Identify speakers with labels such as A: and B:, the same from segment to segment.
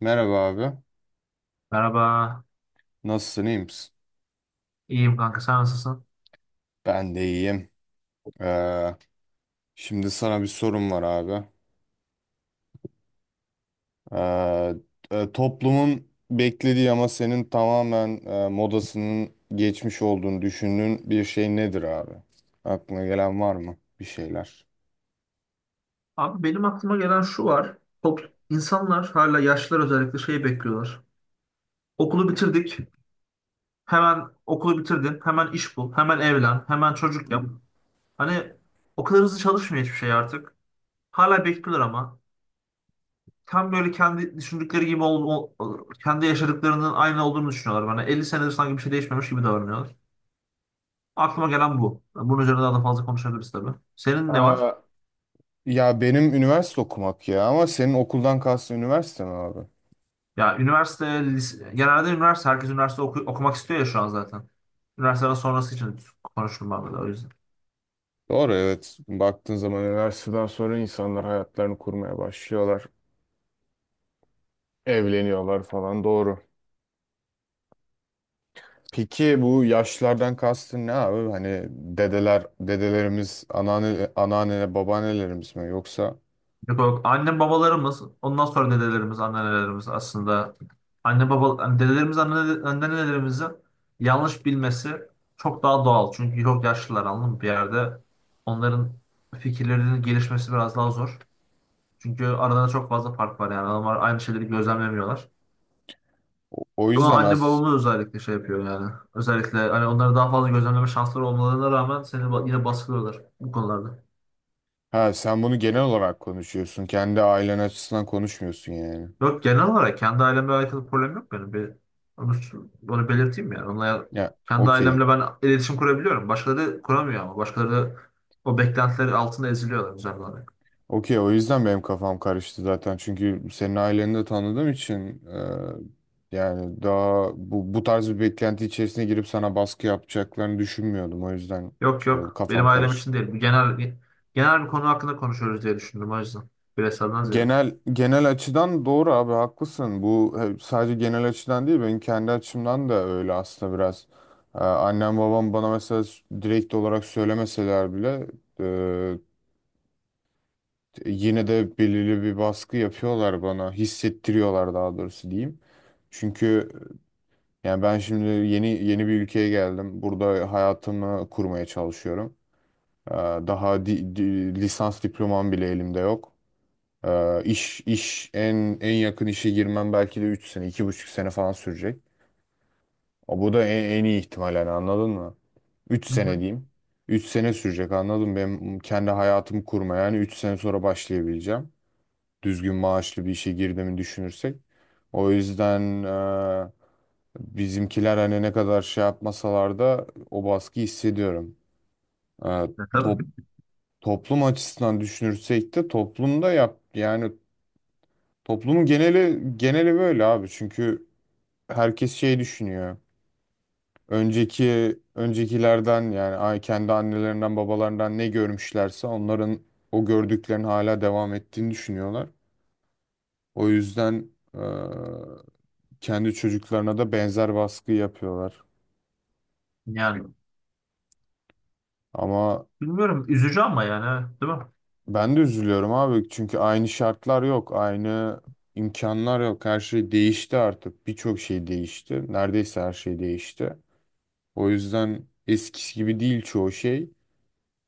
A: Merhaba abi.
B: Merhaba.
A: Nasılsın, iyi misin?
B: İyiyim kanka sen nasılsın?
A: Ben de iyiyim. Ee, şimdi sana bir sorum var abi. Ee, toplumun beklediği ama senin tamamen modasının geçmiş olduğunu düşündüğün bir şey nedir abi? Aklına gelen var mı bir şeyler?
B: Abi benim aklıma gelen şu var. İnsanlar hala yaşlılar özellikle şey bekliyorlar. Okulu bitirdik. Hemen okulu bitirdin. Hemen iş bul. Hemen evlen. Hemen çocuk yap. Hani o kadar hızlı çalışmıyor hiçbir şey artık. Hala bekliyorlar ama. Tam böyle kendi düşündükleri gibi kendi yaşadıklarının aynı olduğunu düşünüyorlar bana. 50 senedir sanki bir şey değişmemiş gibi davranıyorlar. Aklıma gelen bu. Bunun üzerine daha da fazla konuşabiliriz tabii. Senin ne var?
A: Ee, ya benim üniversite okumak ya ama senin okuldan kastın üniversite mi abi?
B: Ya üniversite, genelde üniversite, herkes üniversite okumak istiyor ya şu an zaten. Üniversiteden sonrası için konuştum ben böyle o yüzden.
A: Doğru evet. Baktığın zaman üniversiteden sonra insanlar hayatlarını kurmaya başlıyorlar. Evleniyorlar falan doğru. Peki bu yaşlardan kastın ne abi? Hani dedelerimiz, anneanne, babaannelerimiz mi? Yoksa?
B: Yok, yok. Annem babalarımız, ondan sonra dedelerimiz, anneannelerimiz aslında anne baba hani dedelerimiz, anne, annenelerimizin yanlış bilmesi çok daha doğal. Çünkü çok yaşlılar anladın mı? Bir yerde onların fikirlerinin gelişmesi biraz daha zor. Çünkü arada çok fazla fark var yani. Adamlar aynı şeyleri gözlemlemiyorlar.
A: O
B: Ama
A: yüzden
B: anne
A: az.
B: babamız özellikle şey yapıyor yani. Özellikle hani onları daha fazla gözlemleme şansları olmalarına rağmen seni yine baskılıyorlar bu konularda.
A: Ha sen bunu genel olarak konuşuyorsun. Kendi ailen açısından konuşmuyorsun yani.
B: Yok genel olarak kendi ailemle alakalı problem yok benim. Bir, onu, onu belirteyim yani. Onlar,
A: Ya
B: kendi
A: okey.
B: ailemle ben iletişim kurabiliyorum. Başkaları kuramıyor ama. Başkaları o beklentileri altında eziliyorlar güzel olarak.
A: Okey, o yüzden benim kafam karıştı zaten. Çünkü senin aileni de tanıdığım için yani daha bu tarz bir beklenti içerisine girip sana baskı yapacaklarını düşünmüyordum. O yüzden
B: Yok
A: şey oldu,
B: yok benim
A: kafam
B: ailem için
A: karıştı.
B: değil. Bu genel bir konu hakkında konuşuyoruz diye düşündüm o yüzden. Bireyselden ziyade.
A: Genel açıdan doğru abi, haklısın. Bu sadece genel açıdan değil benim kendi açımdan da öyle aslında biraz. Annem babam bana mesela direkt olarak söylemeseler bile yine de belirli bir baskı yapıyorlar bana, hissettiriyorlar daha doğrusu diyeyim. Çünkü yani ben şimdi yeni yeni bir ülkeye geldim. Burada hayatımı kurmaya çalışıyorum. Ee, daha lisans diplomam bile elimde yok. İş iş en yakın işe girmem belki de 3 sene, iki buçuk sene falan sürecek. O, bu da en iyi ihtimal yani, anladın mı? Üç
B: Hı
A: sene
B: hı.
A: diyeyim. 3 sene sürecek, anladın mı? Benim kendi hayatımı kurmaya yani 3 sene sonra başlayabileceğim. Düzgün maaşlı bir işe girdiğimi düşünürsek. O yüzden e, bizimkiler hani ne kadar şey yapmasalar da o baskıyı hissediyorum. E,
B: Tabii
A: top, toplum açısından düşünürsek de toplumda yap yani. Toplumun geneli böyle abi. Çünkü herkes şey düşünüyor. Öncekilerden yani kendi annelerinden babalarından ne görmüşlerse onların o gördüklerini hala devam ettiğini düşünüyorlar. O yüzden e, kendi çocuklarına da benzer baskı yapıyorlar.
B: yani
A: Ama
B: bilmiyorum üzücü ama yani evet, değil mi?
A: ben de üzülüyorum abi. Çünkü aynı şartlar yok, aynı imkanlar yok. Her şey değişti artık. Birçok şey değişti. Neredeyse her şey değişti. O yüzden eskisi gibi değil çoğu şey.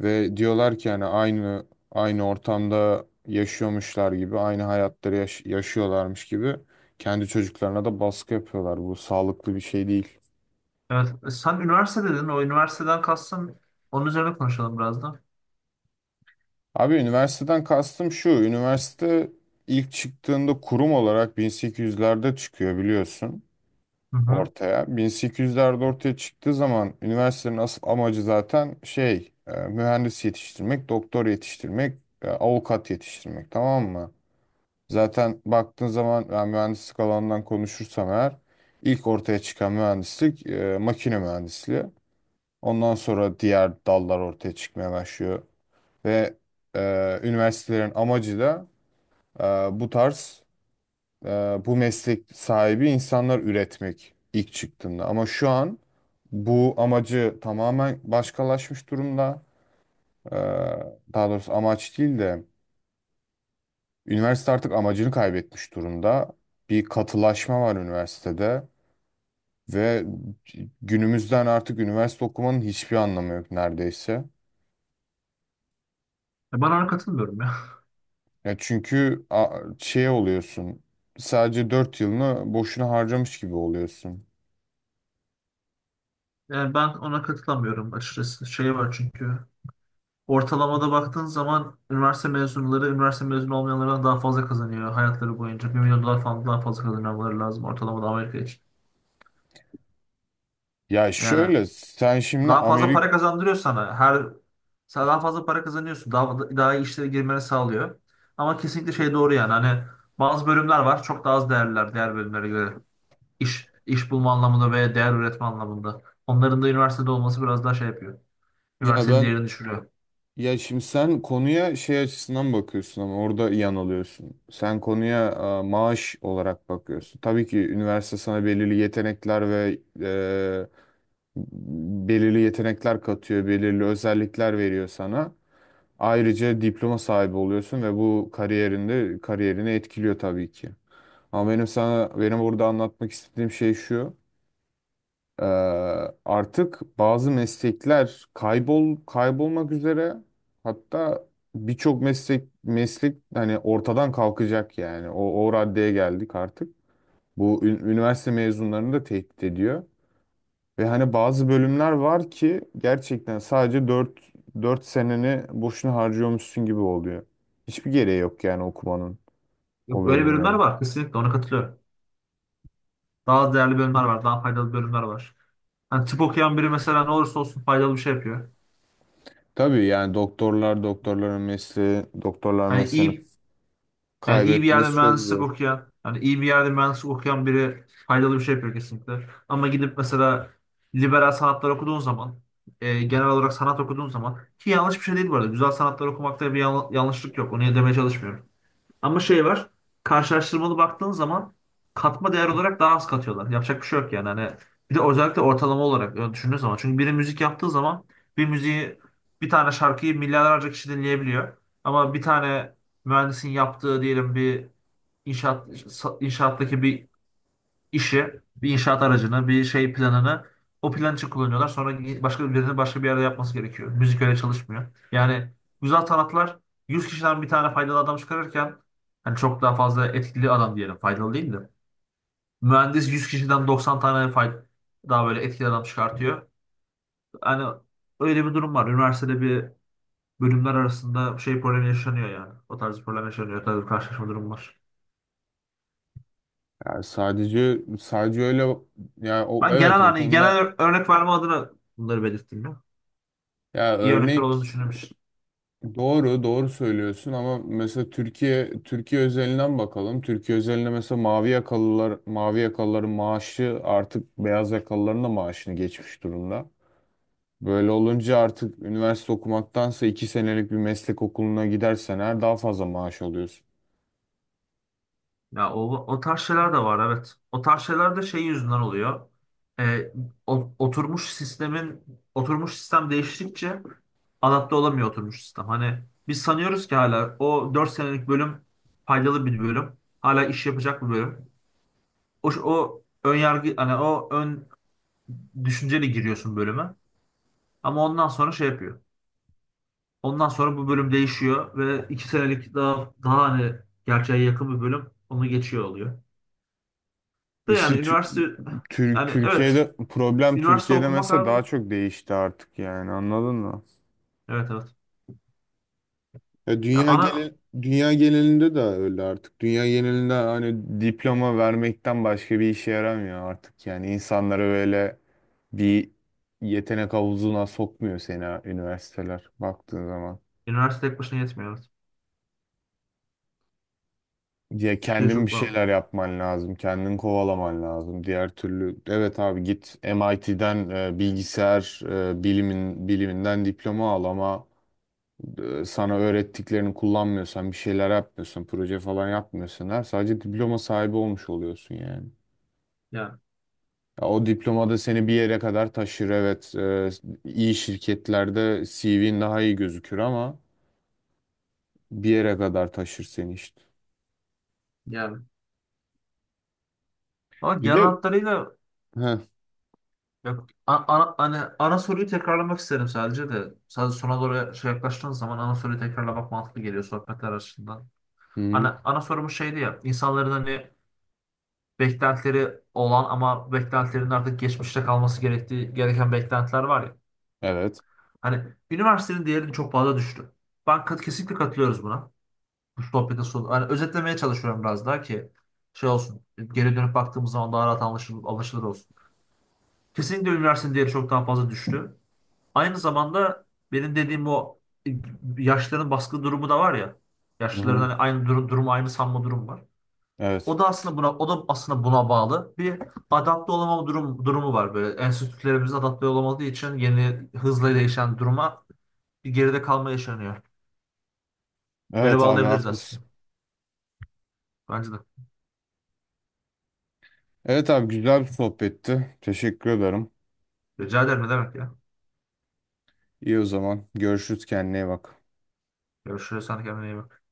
A: Ve diyorlar ki hani aynı ortamda yaşıyormuşlar gibi, aynı hayatları yaşıyorlarmış gibi kendi çocuklarına da baskı yapıyorlar. Bu sağlıklı bir şey değil.
B: Evet. Sen üniversite dedin. O üniversiteden kastın onun üzerine konuşalım biraz da.
A: Abi üniversiteden kastım şu. Üniversite ilk çıktığında kurum olarak 1800'lerde çıkıyor biliyorsun,
B: Hı hı.
A: ortaya. 1800'lerde ortaya çıktığı zaman üniversitenin asıl amacı zaten şey mühendis yetiştirmek, doktor yetiştirmek, avukat yetiştirmek, tamam mı? Zaten baktığın zaman ben mühendislik alanından konuşursam eğer ilk ortaya çıkan mühendislik makine mühendisliği. Ondan sonra diğer dallar ortaya çıkmaya başlıyor ve üniversitelerin amacı da e, bu tarz e, bu meslek sahibi insanlar üretmek, ilk çıktığında. Ama şu an bu amacı tamamen başkalaşmış durumda. E, daha doğrusu amaç değil de üniversite artık amacını kaybetmiş durumda. Bir katılaşma var üniversitede ve günümüzden artık üniversite okumanın hiçbir anlamı yok neredeyse.
B: Ben ona katılmıyorum ya.
A: Ya çünkü şey oluyorsun. Sadece 4 yılını boşuna harcamış gibi oluyorsun.
B: Yani ben ona katılamıyorum açıkçası. Şey var çünkü. Ortalamada baktığın zaman üniversite mezunları üniversite mezunu olmayanlardan daha fazla kazanıyor hayatları boyunca. 1 milyon dolar falan daha fazla kazanmaları lazım ortalamada Amerika için.
A: Ya
B: Yani
A: şöyle sen şimdi
B: daha fazla
A: Amerika,
B: para kazandırıyor sana. Her sen daha fazla para kazanıyorsun. Daha iyi işlere girmeni sağlıyor. Ama kesinlikle şey doğru yani. Hani bazı bölümler var. Çok daha az değerliler diğer bölümlere göre. İş iş bulma anlamında veya değer üretme anlamında. Onların da üniversitede olması biraz daha şey yapıyor.
A: ya
B: Üniversitenin
A: ben,
B: değerini düşürüyor.
A: ya şimdi sen konuya şey açısından bakıyorsun ama orada yanılıyorsun. Sen konuya maaş olarak bakıyorsun. Tabii ki üniversite sana belirli yetenekler katıyor, belirli özellikler veriyor sana. Ayrıca diploma sahibi oluyorsun ve bu kariyerini etkiliyor tabii ki. Ama benim burada anlatmak istediğim şey şu. Ee, artık bazı meslekler kaybolmak üzere, hatta birçok meslek hani ortadan kalkacak yani o raddeye geldik artık. Bu üniversite mezunlarını da tehdit ediyor. Ve hani bazı bölümler var ki gerçekten sadece dört seneni boşuna harcıyormuşsun gibi oluyor. Hiçbir gereği yok yani okumanın
B: Yok,
A: o
B: öyle bölümler
A: bölümlere.
B: var kesinlikle ona katılıyorum. Daha az değerli bölümler var, daha faydalı bölümler var. Hani tıp okuyan biri mesela ne olursa olsun faydalı bir şey yapıyor.
A: Tabii yani doktorlar
B: Hani
A: mesleğini
B: iyi Yani iyi bir yerde
A: kaybetmesi çok
B: mühendislik
A: zor.
B: okuyan, hani iyi bir yerde mühendislik okuyan biri faydalı bir şey yapıyor kesinlikle. Ama gidip mesela liberal sanatlar okuduğun zaman, genel olarak sanat okuduğun zaman ki yanlış bir şey değil bu arada. Güzel sanatlar okumakta bir yanlışlık yok. Onu demeye çalışmıyorum. Ama şey var. Karşılaştırmalı baktığın zaman katma değer olarak daha az katıyorlar. Yapacak bir şey yok yani. Hani bir de özellikle ortalama olarak öyle düşündüğün zaman. Çünkü biri müzik yaptığı zaman bir müziği bir tane şarkıyı milyarlarca kişi dinleyebiliyor. Ama bir tane mühendisin yaptığı diyelim bir inşaat inşaattaki bir işi, bir inşaat aracını, bir şey planını o plan için kullanıyorlar. Sonra başka birilerinin başka bir yerde yapması gerekiyor. Müzik öyle çalışmıyor. Yani güzel sanatlar 100 kişiden bir tane faydalı adam çıkarırken hani çok daha fazla etkili adam diyelim faydalı değil de. Mühendis 100 kişiden 90 tane daha böyle etkili adam çıkartıyor. Hani öyle bir durum var. Üniversitede bir bölümler arasında şey problemi yaşanıyor yani. O tarz bir problem yaşanıyor. O tarz bir karşılaşma durum var.
A: Yani sadece öyle yani, o
B: Ben genel
A: evet o
B: hani genel
A: konuda
B: örnek verme adına bunları belirttim ya.
A: ya
B: İyi örnekler
A: örnek,
B: olduğunu düşünüyorum.
A: doğru söylüyorsun ama mesela Türkiye özelinden bakalım. Türkiye özelinde mesela mavi yakalıların maaşı artık beyaz yakalıların da maaşını geçmiş durumda. Böyle olunca artık üniversite okumaktansa iki senelik bir meslek okuluna gidersen her daha fazla maaş alıyorsun.
B: Ya o, o tarz şeyler de var evet. O tarz şeyler de şey yüzünden oluyor. Ee, oturmuş sistemin oturmuş sistem değiştikçe adapte olamıyor oturmuş sistem. Hani biz sanıyoruz ki hala o 4 senelik bölüm faydalı bir bölüm. Hala iş yapacak bir bölüm. O, o ön yargı hani o ön düşünceyle giriyorsun bölüme. Ama ondan sonra şey yapıyor. Ondan sonra bu bölüm değişiyor ve 2 senelik daha hani gerçeğe yakın bir bölüm onu geçiyor oluyor. De
A: İşte
B: yani üniversite Yani evet üniversite
A: Türkiye'de
B: okumak
A: mesela
B: abi.
A: daha çok değişti artık yani, anladın mı?
B: Evet evet.
A: Ya
B: Ya ana
A: dünya genelinde de öyle artık. Dünya genelinde hani diploma vermekten başka bir işe yaramıyor artık. Yani insanlara böyle bir yetenek havuzuna sokmuyor seni üniversiteler baktığın zaman.
B: Üniversite tek başına yetmiyor. Evet.
A: Ya
B: Türkiye
A: kendin bir
B: çok bağlı.
A: şeyler yapman lazım, kendin kovalaman lazım. Diğer türlü evet abi, git MIT'den bilgisayar biliminden diploma al ama sana öğrettiklerini kullanmıyorsan, bir şeyler yapmıyorsan, proje falan yapmıyorsan her sadece diploma sahibi olmuş oluyorsun yani.
B: Yani
A: Ya o diploma da seni bir yere kadar taşır. Evet, iyi şirketlerde CV'nin daha iyi gözükür ama bir yere kadar taşır seni işte.
B: yani. Ama
A: Bir
B: genel
A: de.
B: hatlarıyla
A: Heh.
B: ya, ana, hani ana soruyu tekrarlamak isterim sadece de. Sadece sona doğru şey yaklaştığın zaman ana soruyu tekrarlamak mantıklı geliyor sohbetler açısından.
A: Hı hı.
B: Ana sorumuz şeydi ya insanların hani beklentileri olan ama beklentilerin artık geçmişte kalması gerektiği gereken beklentiler var ya.
A: Evet.
B: Hani üniversitenin değerini çok fazla düştü. Ben kesinlikle katılıyoruz buna. Bu sohbetin sonu. Hani özetlemeye çalışıyorum biraz daha ki şey olsun. Geri dönüp baktığımız zaman daha rahat anlaşılır olsun. Kesinlikle üniversitenin değeri çok daha fazla düştü. Aynı zamanda benim dediğim o e, yaşlıların baskı durumu da var ya.
A: Hı
B: Yaşlıların
A: hı.
B: hani aynı durumu aynı sanma durum var.
A: Evet.
B: O da aslında buna bağlı. Bir adapte olamama durumu var böyle. Enstitülerimiz adapte olamadığı için yeni hızla değişen duruma bir geride kalma yaşanıyor. Öyle
A: Evet abi
B: bağlayabiliriz
A: haklısın.
B: aslında. Bence de.
A: Evet abi, güzel bir sohbetti. Teşekkür ederim.
B: Rica ederim ne demek ya.
A: İyi o zaman. Görüşürüz, kendine iyi bak.
B: Görüşürüz. Sen de kendine iyi bak.